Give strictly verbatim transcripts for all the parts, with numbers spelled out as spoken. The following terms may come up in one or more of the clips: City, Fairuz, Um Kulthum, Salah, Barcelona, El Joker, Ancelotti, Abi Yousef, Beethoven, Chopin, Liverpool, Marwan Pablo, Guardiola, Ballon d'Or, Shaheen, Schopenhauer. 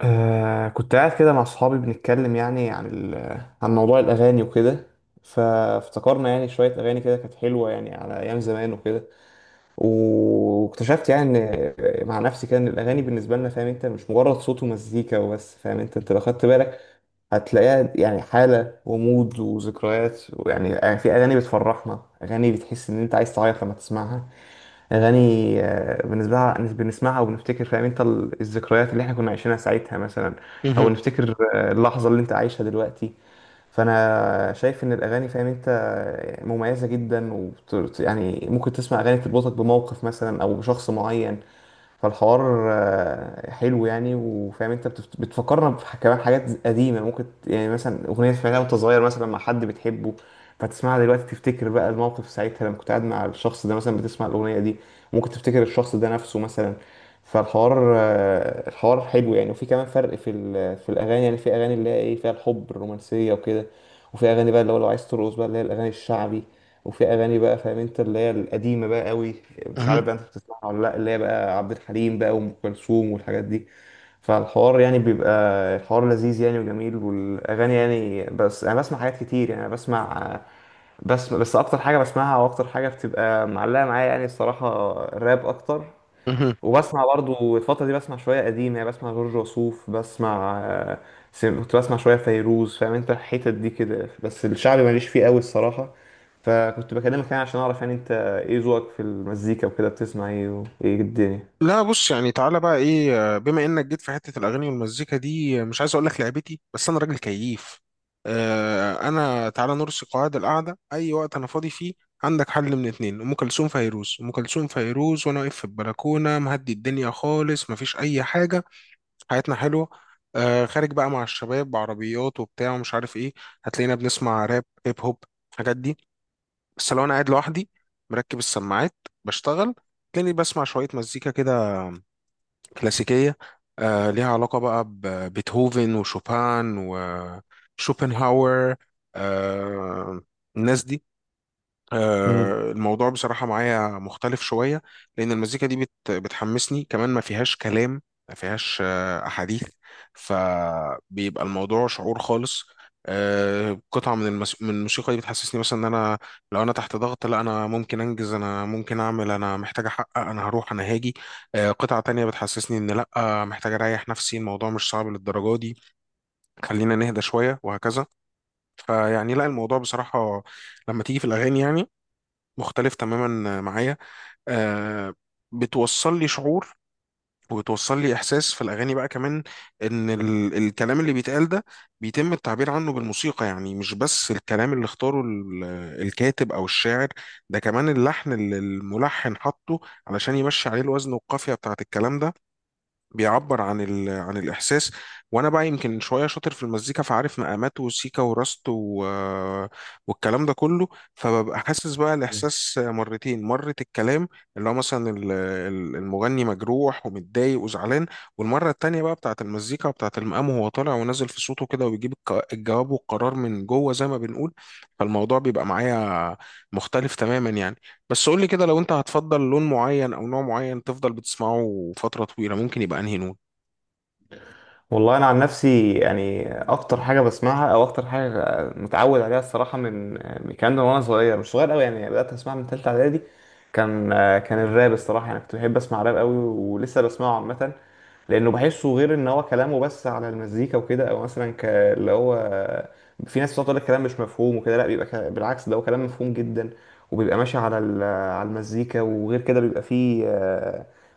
آه كنت قاعد كده مع صحابي، بنتكلم يعني عن ال- عن موضوع الأغاني وكده. فافتكرنا يعني شوية أغاني كده، كانت حلوة يعني على أيام زمان وكده. و- واكتشفت يعني، إن مع نفسي كده، إن الأغاني بالنسبة لنا، فاهم أنت، مش مجرد صوت ومزيكا وبس. فاهم أنت أنت لو خدت بالك هتلاقيها يعني حالة ومود وذكريات. ويعني في أغاني بتفرحنا، أغاني بتحس إن أنت عايز تعيط لما تسمعها. اغاني، آه، بالنسبه لها بنسمعها وبنفتكر، فاهم انت، ال- الذكريات اللي احنا كنا عايشينها ساعتها مثلا، او مهم. نفتكر آه، اللحظه اللي انت عايشها دلوقتي. فانا شايف ان الاغاني، فاهم انت، آه، مميزه جدا وبت... يعني ممكن تسمع اغاني تربطك بموقف مثلا او بشخص معين. فالحوار آه، حلو يعني. وفاهم انت، بتفت- بتفكرنا بح- كمان حاجات قديمه ممكن ت- يعني مثلا اغنيه سمعتها وانت صغير مثلا مع حد بتحبه، فتسمعها دلوقتي تفتكر بقى الموقف ساعتها، لما كنت قاعد مع الشخص ده مثلا بتسمع الاغنيه دي. ممكن تفتكر الشخص ده نفسه مثلا. فالحوار آه، الحوار حلو يعني. وفي كمان فرق في ال- في الاغاني يعني. في اغاني اللي هي ايه، فيها الحب، الرومانسيه وكده. وفي اغاني بقى اللي هو لو عايز ترقص بقى، اللي هي الاغاني الشعبي. وفي اغاني بقى، فاهم انت، اللي هي القديمه بقى قوي. مش مهم. عارف بقى انت بتسمعها ولا لا، اللي هي بقى عبد الحليم بقى، وام كلثوم، والحاجات دي. فالحوار يعني بيبقى، الحوار لذيذ يعني وجميل. والاغاني يعني، بس انا بسمع حاجات كتير يعني. أنا بسمع، بس بس اكتر حاجه بسمعها واكتر حاجه بتبقى معلقه معايا يعني، الصراحه، الراب اكتر. مهم. وبسمع برضو الفترة دي، بسمع شوية قديم. يعني بسمع جورج وسوف، بسمع آه، سم- كنت بسمع شوية فيروز، فاهم انت، الحتت دي كده. بس الشعبي ماليش فيه قوي الصراحة. فكنت بكلمك يعني عشان اعرف يعني انت ايه ذوقك في المزيكا وكده، بتسمع ايه وايه الدنيا. لا بص، يعني تعالى بقى ايه، آه، بما انك جيت في حته الاغاني والمزيكا دي، آه، مش عايز اقول لك لعبتي، بس انا راجل كييف. آه، انا تعالى نرسي قواعد القعده. اي وقت انا فاضي فيه عندك حل من اتنين: ام كلثوم، فيروز. ام كلثوم، فيروز، وانا واقف في البلكونه مهدي الدنيا خالص، مفيش اي حاجه، حياتنا حلوه. آه، خارج بقى مع الشباب بعربيات وبتاع ومش عارف ايه، هتلاقينا بنسمع راب، هيب هوب، الحاجات دي. بس لو انا قاعد لوحدي، مركب السماعات، بشتغل، تلاقيني بسمع شوية مزيكا كده كلاسيكية. آه، ليها علاقة بقى ببيتهوفن وشوبان وشوبنهاور، آه، الناس دي. آه، الموضوع بصراحة معايا مختلف شوية، لأن المزيكا دي بت بتحمسني، كمان ما فيهاش كلام، ما فيهاش آه، أحاديث، فبيبقى الموضوع شعور خالص. آه، قطعة من المس... من الموسيقى دي بتحسسني مثلا إن أنا، لو أنا تحت ضغط، لا أنا ممكن أنجز، أنا ممكن أعمل، أنا محتاج أحقق، أنا هروح، أنا هاجي. آه، قطعة تانية بتحسسني إن لا، آه، محتاج أريح نفسي، الموضوع مش صعب للدرجة دي، خلينا نهدى شوية، وهكذا. فيعني لا، الموضوع بصراحة لما تيجي في الأغاني يعني مختلف تماما معايا. آه، بتوصل لي شعور، وبتوصل لي احساس في الاغاني بقى، كمان ان ال الكلام اللي بيتقال ده بيتم التعبير عنه بالموسيقى، يعني مش بس الكلام اللي اختاره ال- الكاتب او الشاعر، ده كمان اللحن اللي الملحن حطه علشان يمشي عليه الوزن والقافية بتاعت الكلام ده، بيعبر عن ال... عن الإحساس. وأنا بقى يمكن شوية شاطر في المزيكا، فعارف مقامات وسيكا وراست و... والكلام ده كله، فببقى حاسس بقى مم. الإحساس مرتين: مرة الكلام، اللي هو مثلا ال- ال- المغني مجروح ومتضايق وزعلان، والمرة التانية بقى بتاعة المزيكا وبتاعة المقام، وهو طالع ونازل في صوته كده وبيجيب الك- الجواب والقرار من جوه زي ما بنقول. فالموضوع بيبقى معايا مختلف تماما يعني. بس قول لي كده، لو انت هتفضل لون معين او نوع معين تفضل بتسمعه فترة طويلة، ممكن يبقى انهي لون؟ والله انا عن نفسي يعني اكتر حاجه بسمعها او اكتر حاجه متعود عليها الصراحه، من من كان وانا صغير، مش صغير قوي يعني، بدات اسمعها من ثالثه اعدادي. كان كان الراب الصراحه، يعني كنت بحب اسمع راب قوي، ولسه بسمعه عامه. لانه بحسه غير، ان هو كلامه بس على المزيكا وكده. او مثلا ك... اللي هو في ناس بتقعد تقول الكلام مش مفهوم وكده، لا بيبقى ك... بالعكس ده هو كلام مفهوم جدا، وبيبقى ماشي على ال... على المزيكا. وغير كده بيبقى فيه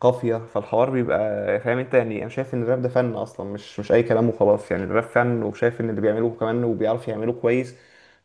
قافية، فالحوار بيبقى، فاهم انت، يعني انا شايف ان الراب ده فن اصلا، مش مش اي كلام وخلاص. يعني الراب فن، وشايف ان اللي بيعملوه كمان وبيعرف يعملوه كويس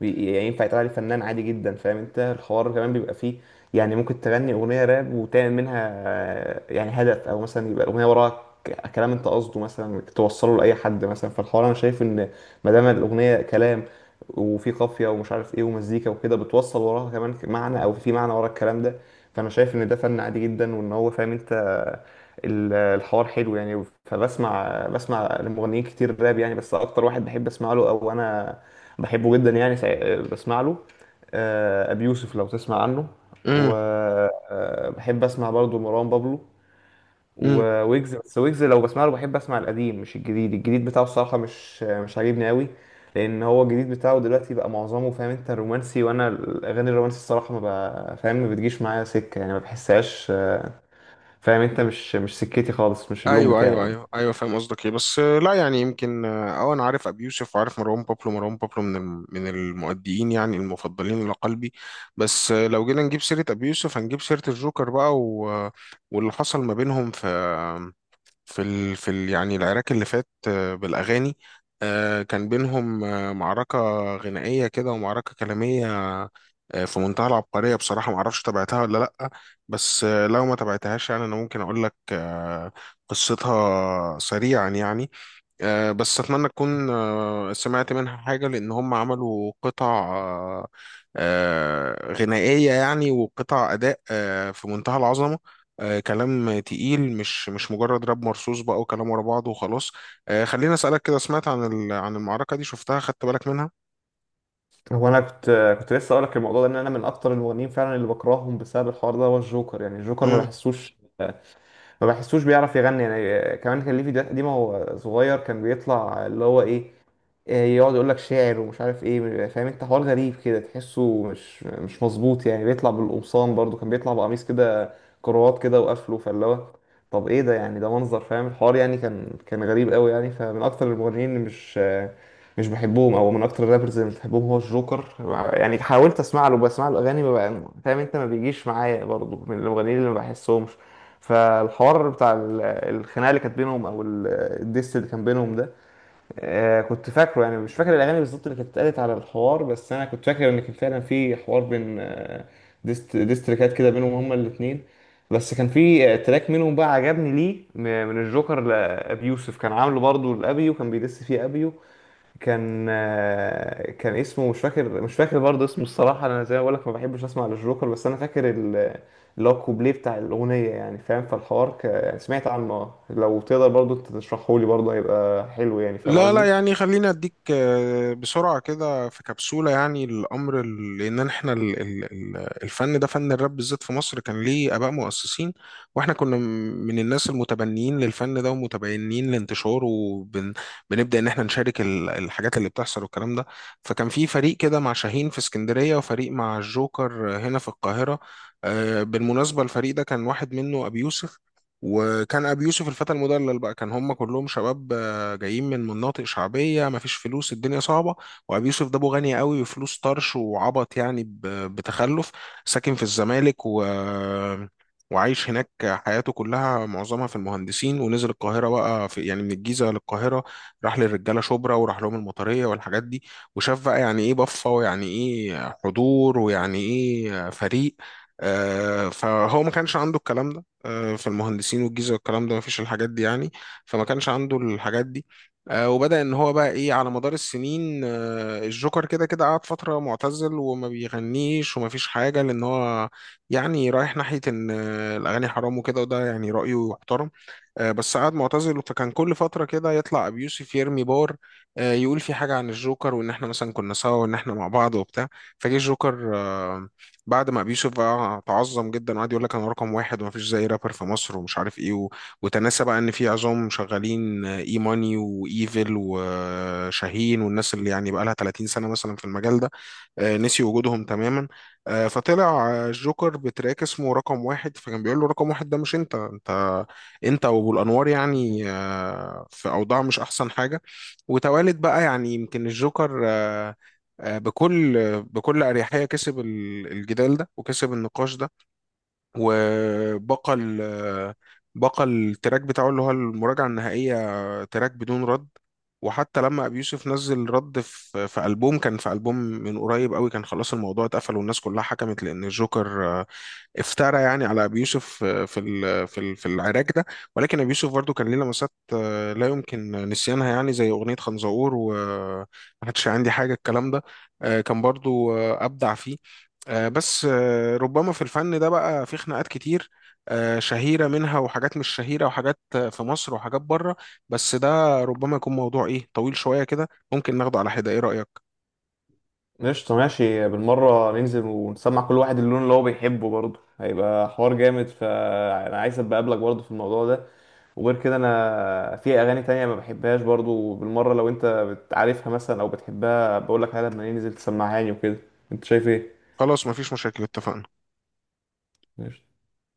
بي- يعني ينفع يتقال عليه فنان عادي جدا. فاهم انت الحوار كمان بيبقى فيه، يعني ممكن تغني اغنية راب وتعمل منها آه، يعني هدف، او مثلا يبقى الاغنية وراها ك- كلام انت قصده مثلا توصله لاي حد مثلا. فالحوار انا شايف ان ما دام الاغنية كلام، وفي قافية ومش عارف ايه ومزيكا وكده، بتوصل وراها كمان معنى، او في معنى ورا الكلام ده، فانا شايف ان ده فن عادي جدا. وان هو، فاهم انت، ال- الحوار حلو يعني. فبسمع بسمع لمغنيين كتير راب يعني. بس اكتر واحد بحب اسمع له، او انا بحبه جدا يعني، سع- بسمع له، آه، ابي يوسف لو تسمع عنه. امم وبحب اسمع برضه مروان بابلو امم وويجز. بس ويجز لو بسمع له بحب اسمع القديم، مش الجديد. الجديد بتاعه الصراحة مش مش عاجبني قوي. لان هو الجديد بتاعه دلوقتي بقى معظمه، فاهم انت، رومانسي. وانا الاغاني الرومانسي الصراحة ما بقى فاهم، ما بتجيش معايا سكة يعني، ما بحسهاش، آه، فاهم انت، مش مش سكتي خالص، مش اللون ايوه بتاعي ايوه يعني. ايوه ايوه، فاهم قصدك ايه، بس آه، لا يعني، يمكن اه آه، انا عارف ابي يوسف، وعارف مروان بابلو. مروان بابلو من الم- من المؤديين يعني المفضلين لقلبي. بس آه، لو جينا نجيب سيرة ابي يوسف، هنجيب سيرة الجوكر بقى و... آه، واللي حصل ما بينهم في في ال... في ال... يعني العراك اللي فات، آه، بالأغاني. آه، كان بينهم آه، معركة غنائية كده، ومعركة كلامية، آه، في منتهى العبقرية. بصراحة معرفش تابعتها ولا لأ، بس آه، لو ما تابعتهاش يعني، أنا ممكن أقول لك آه، قصتها سريعا يعني. آه، بس اتمنى تكون آه، سمعت منها حاجه، لان هم عملوا قطع، آه، آه، غنائيه يعني، وقطع اداء آه، في منتهى العظمه. آه، كلام تقيل، مش مش مجرد راب مرصوص بقى وكلام ورا بعض وخلاص. آه، خليني اسالك كده: سمعت عن ال- عن المعركه دي؟ شفتها؟ خدت بالك منها؟ هو انا كنت كنت لسه اقول لك الموضوع ده، ان انا من اكتر المغنيين فعلا اللي بكرههم بسبب الحوار ده، هو الجوكر. يعني الجوكر ما بحسوش ما بحسوش بيعرف يغني يعني. آه، كمان كان ليه فيديوهات قديمة وهو صغير، كان بيطلع اللي هو ايه، آه، يقعد يقول لك شاعر ومش عارف ايه، فاهم انت، حوار غريب كده، تحسه مش مش مظبوط يعني. بيطلع بالقمصان برضو، كان بيطلع بقميص كده، كروات كده وقفله، فاللي هو طب ايه ده يعني؟ ده منظر، فاهم الحوار يعني، كان كان غريب قوي يعني. فمن اكتر المغنيين اللي مش آه، مش بحبهم، او من اكتر الرابرز اللي مش بحبهم، هو الجوكر. يعني حاولت اسمع له، بسمع له اغاني ما بقى- فاهم انت، ما بيجيش معايا برضو من المغنيين اللي ما بحسهمش. فالحوار بتاع ال- الخناقه اللي كانت بينهم، او ال- الديس اللي كان بينهم ده، آه، كنت فاكره يعني. مش فاكر الاغاني بالظبط اللي كانت اتقالت على الحوار، بس انا كنت فاكر ان كان فعلا في حوار بين آه، ديست ديستريكات كده بينهم هما الاثنين. بس كان في آه، تراك منهم بقى عجبني ليه م- من الجوكر لابي يوسف، كان عامله برضه لابي، وكان بيدس فيه ابيو. كان آه، كان اسمه مش فاكر مش فاكر برضه اسمه الصراحة. أنا زي ما بقولك ما بحبش أسمع للجوكر، بس أنا فاكر ال- اللي هو الكوبليه بتاع الأغنية يعني، فاهم. فالحوار ك... يعني سمعت عنه، اه لو تقدر برضه تشرحهولي برضه، هيبقى حلو يعني، فاهم لا لا قصدي. يعني، خليني اديك آه، بسرعة كده في كبسولة يعني الامر. ال- لان احنا ال- ال- ال- الفن ده، فن الراب بالذات في مصر، كان ليه اباء مؤسسين، واحنا كنا م- من الناس المتبنيين للفن ده ومتبنيين لانتشاره، وبنبدأ ان احنا نشارك ال- الحاجات اللي بتحصل والكلام ده. فكان في فريق كده مع شاهين في اسكندرية، وفريق مع الجوكر هنا في القاهرة. آه، بالمناسبة الفريق ده كان واحد منه ابي يوسف، وكان ابي يوسف الفتى المدلل بقى. كان هم كلهم شباب جايين من مناطق شعبيه، مفيش فلوس، الدنيا صعبه، وابي يوسف ده ابو غني قوي وفلوس طرش وعبط يعني، ب- بتخلف، ساكن في الزمالك و وعايش هناك حياته كلها، معظمها في المهندسين، ونزل القاهرة بقى في يعني، من الجيزة للقاهرة، راح للرجالة شبرا وراح لهم المطرية والحاجات دي، وشاف بقى يعني ايه بفة ويعني ايه حضور ويعني ايه فريق. آه، فهو ما كانش عنده الكلام ده، آه، في المهندسين والجيزة والكلام ده ما فيش الحاجات دي يعني، فما كانش عنده الحاجات دي. آه، وبدأ ان هو بقى ايه على مدار السنين. آه، الجوكر كده كده قعد فترة معتزل وما بيغنيش وما فيش حاجة، لان هو يعني رايح ناحية ان آه، الاغاني حرام وكده، وده يعني رأيه يحترم. آه، بس قعد معتزل، فكان كل فترة كده يطلع أبي يوسف يرمي بار، آه، يقول في حاجة عن الجوكر، وإن إحنا مثلا كنا سوا وإن إحنا مع بعض وبتاع. فجه الجوكر آه، بعد ما أبي يوسف بقى تعظم جدا وقعد يقول لك أنا رقم واحد ومفيش زي رابر في مصر ومش عارف إيه و- وتناسى بقى إن في عظام شغالين، آه، إي ماني وإيفل وشاهين والناس اللي يعني بقى لها 30 سنة مثلا في المجال ده، آه، نسي وجودهم تماما. آه، فطلع آه، الجوكر بتراك اسمه رقم واحد، فكان بيقول له: رقم واحد ده مش انت، انت انت وابو الانوار يعني آه، في اوضاع مش احسن حاجه. وتوالد بقى يعني، يمكن الجوكر آه، آه، بكل بكل اريحيه كسب ال- الجدال ده وكسب النقاش ده، وبقى ال بقى التراك بتاعه اللي هو المراجعة النهائية، تراك بدون رد. وحتى لما أبي يوسف نزل رد في في ألبوم، كان في ألبوم من قريب قوي، كان خلاص الموضوع اتقفل، والناس كلها حكمت لأن الجوكر افترى يعني على ابي يوسف آه، في ال- في ال- في العراك ده. ولكن ابي يوسف برضو كان ليه لمسات آه، لا يمكن نسيانها، يعني زي اغنيه خنزقور، وما حدش عندي حاجه، الكلام ده، آه، كان برضو آه، ابدع فيه. آه، بس آه، ربما في الفن ده بقى في خناقات كتير، آه، شهيره منها وحاجات مش شهيره، وحاجات آه، في مصر وحاجات بره. بس ده ربما يكون موضوع ايه طويل شويه كده، ممكن ناخده على حده. ايه رايك؟ قشطة، ماشي. بالمرة ننزل ونسمع كل واحد اللون اللي هو بيحبه، برضه هيبقى حوار جامد. فأنا عايز أبقى أقابلك برضه في الموضوع ده. وغير كده أنا في أغاني تانية ما بحبهاش برضه بالمرة، لو أنت بتعرفها مثلا أو بتحبها بقولك عليها، لما ننزل تسمعها لي وكده. أنت شايف إيه؟ خلاص مفيش مشاكل، اتفقنا. قشطة.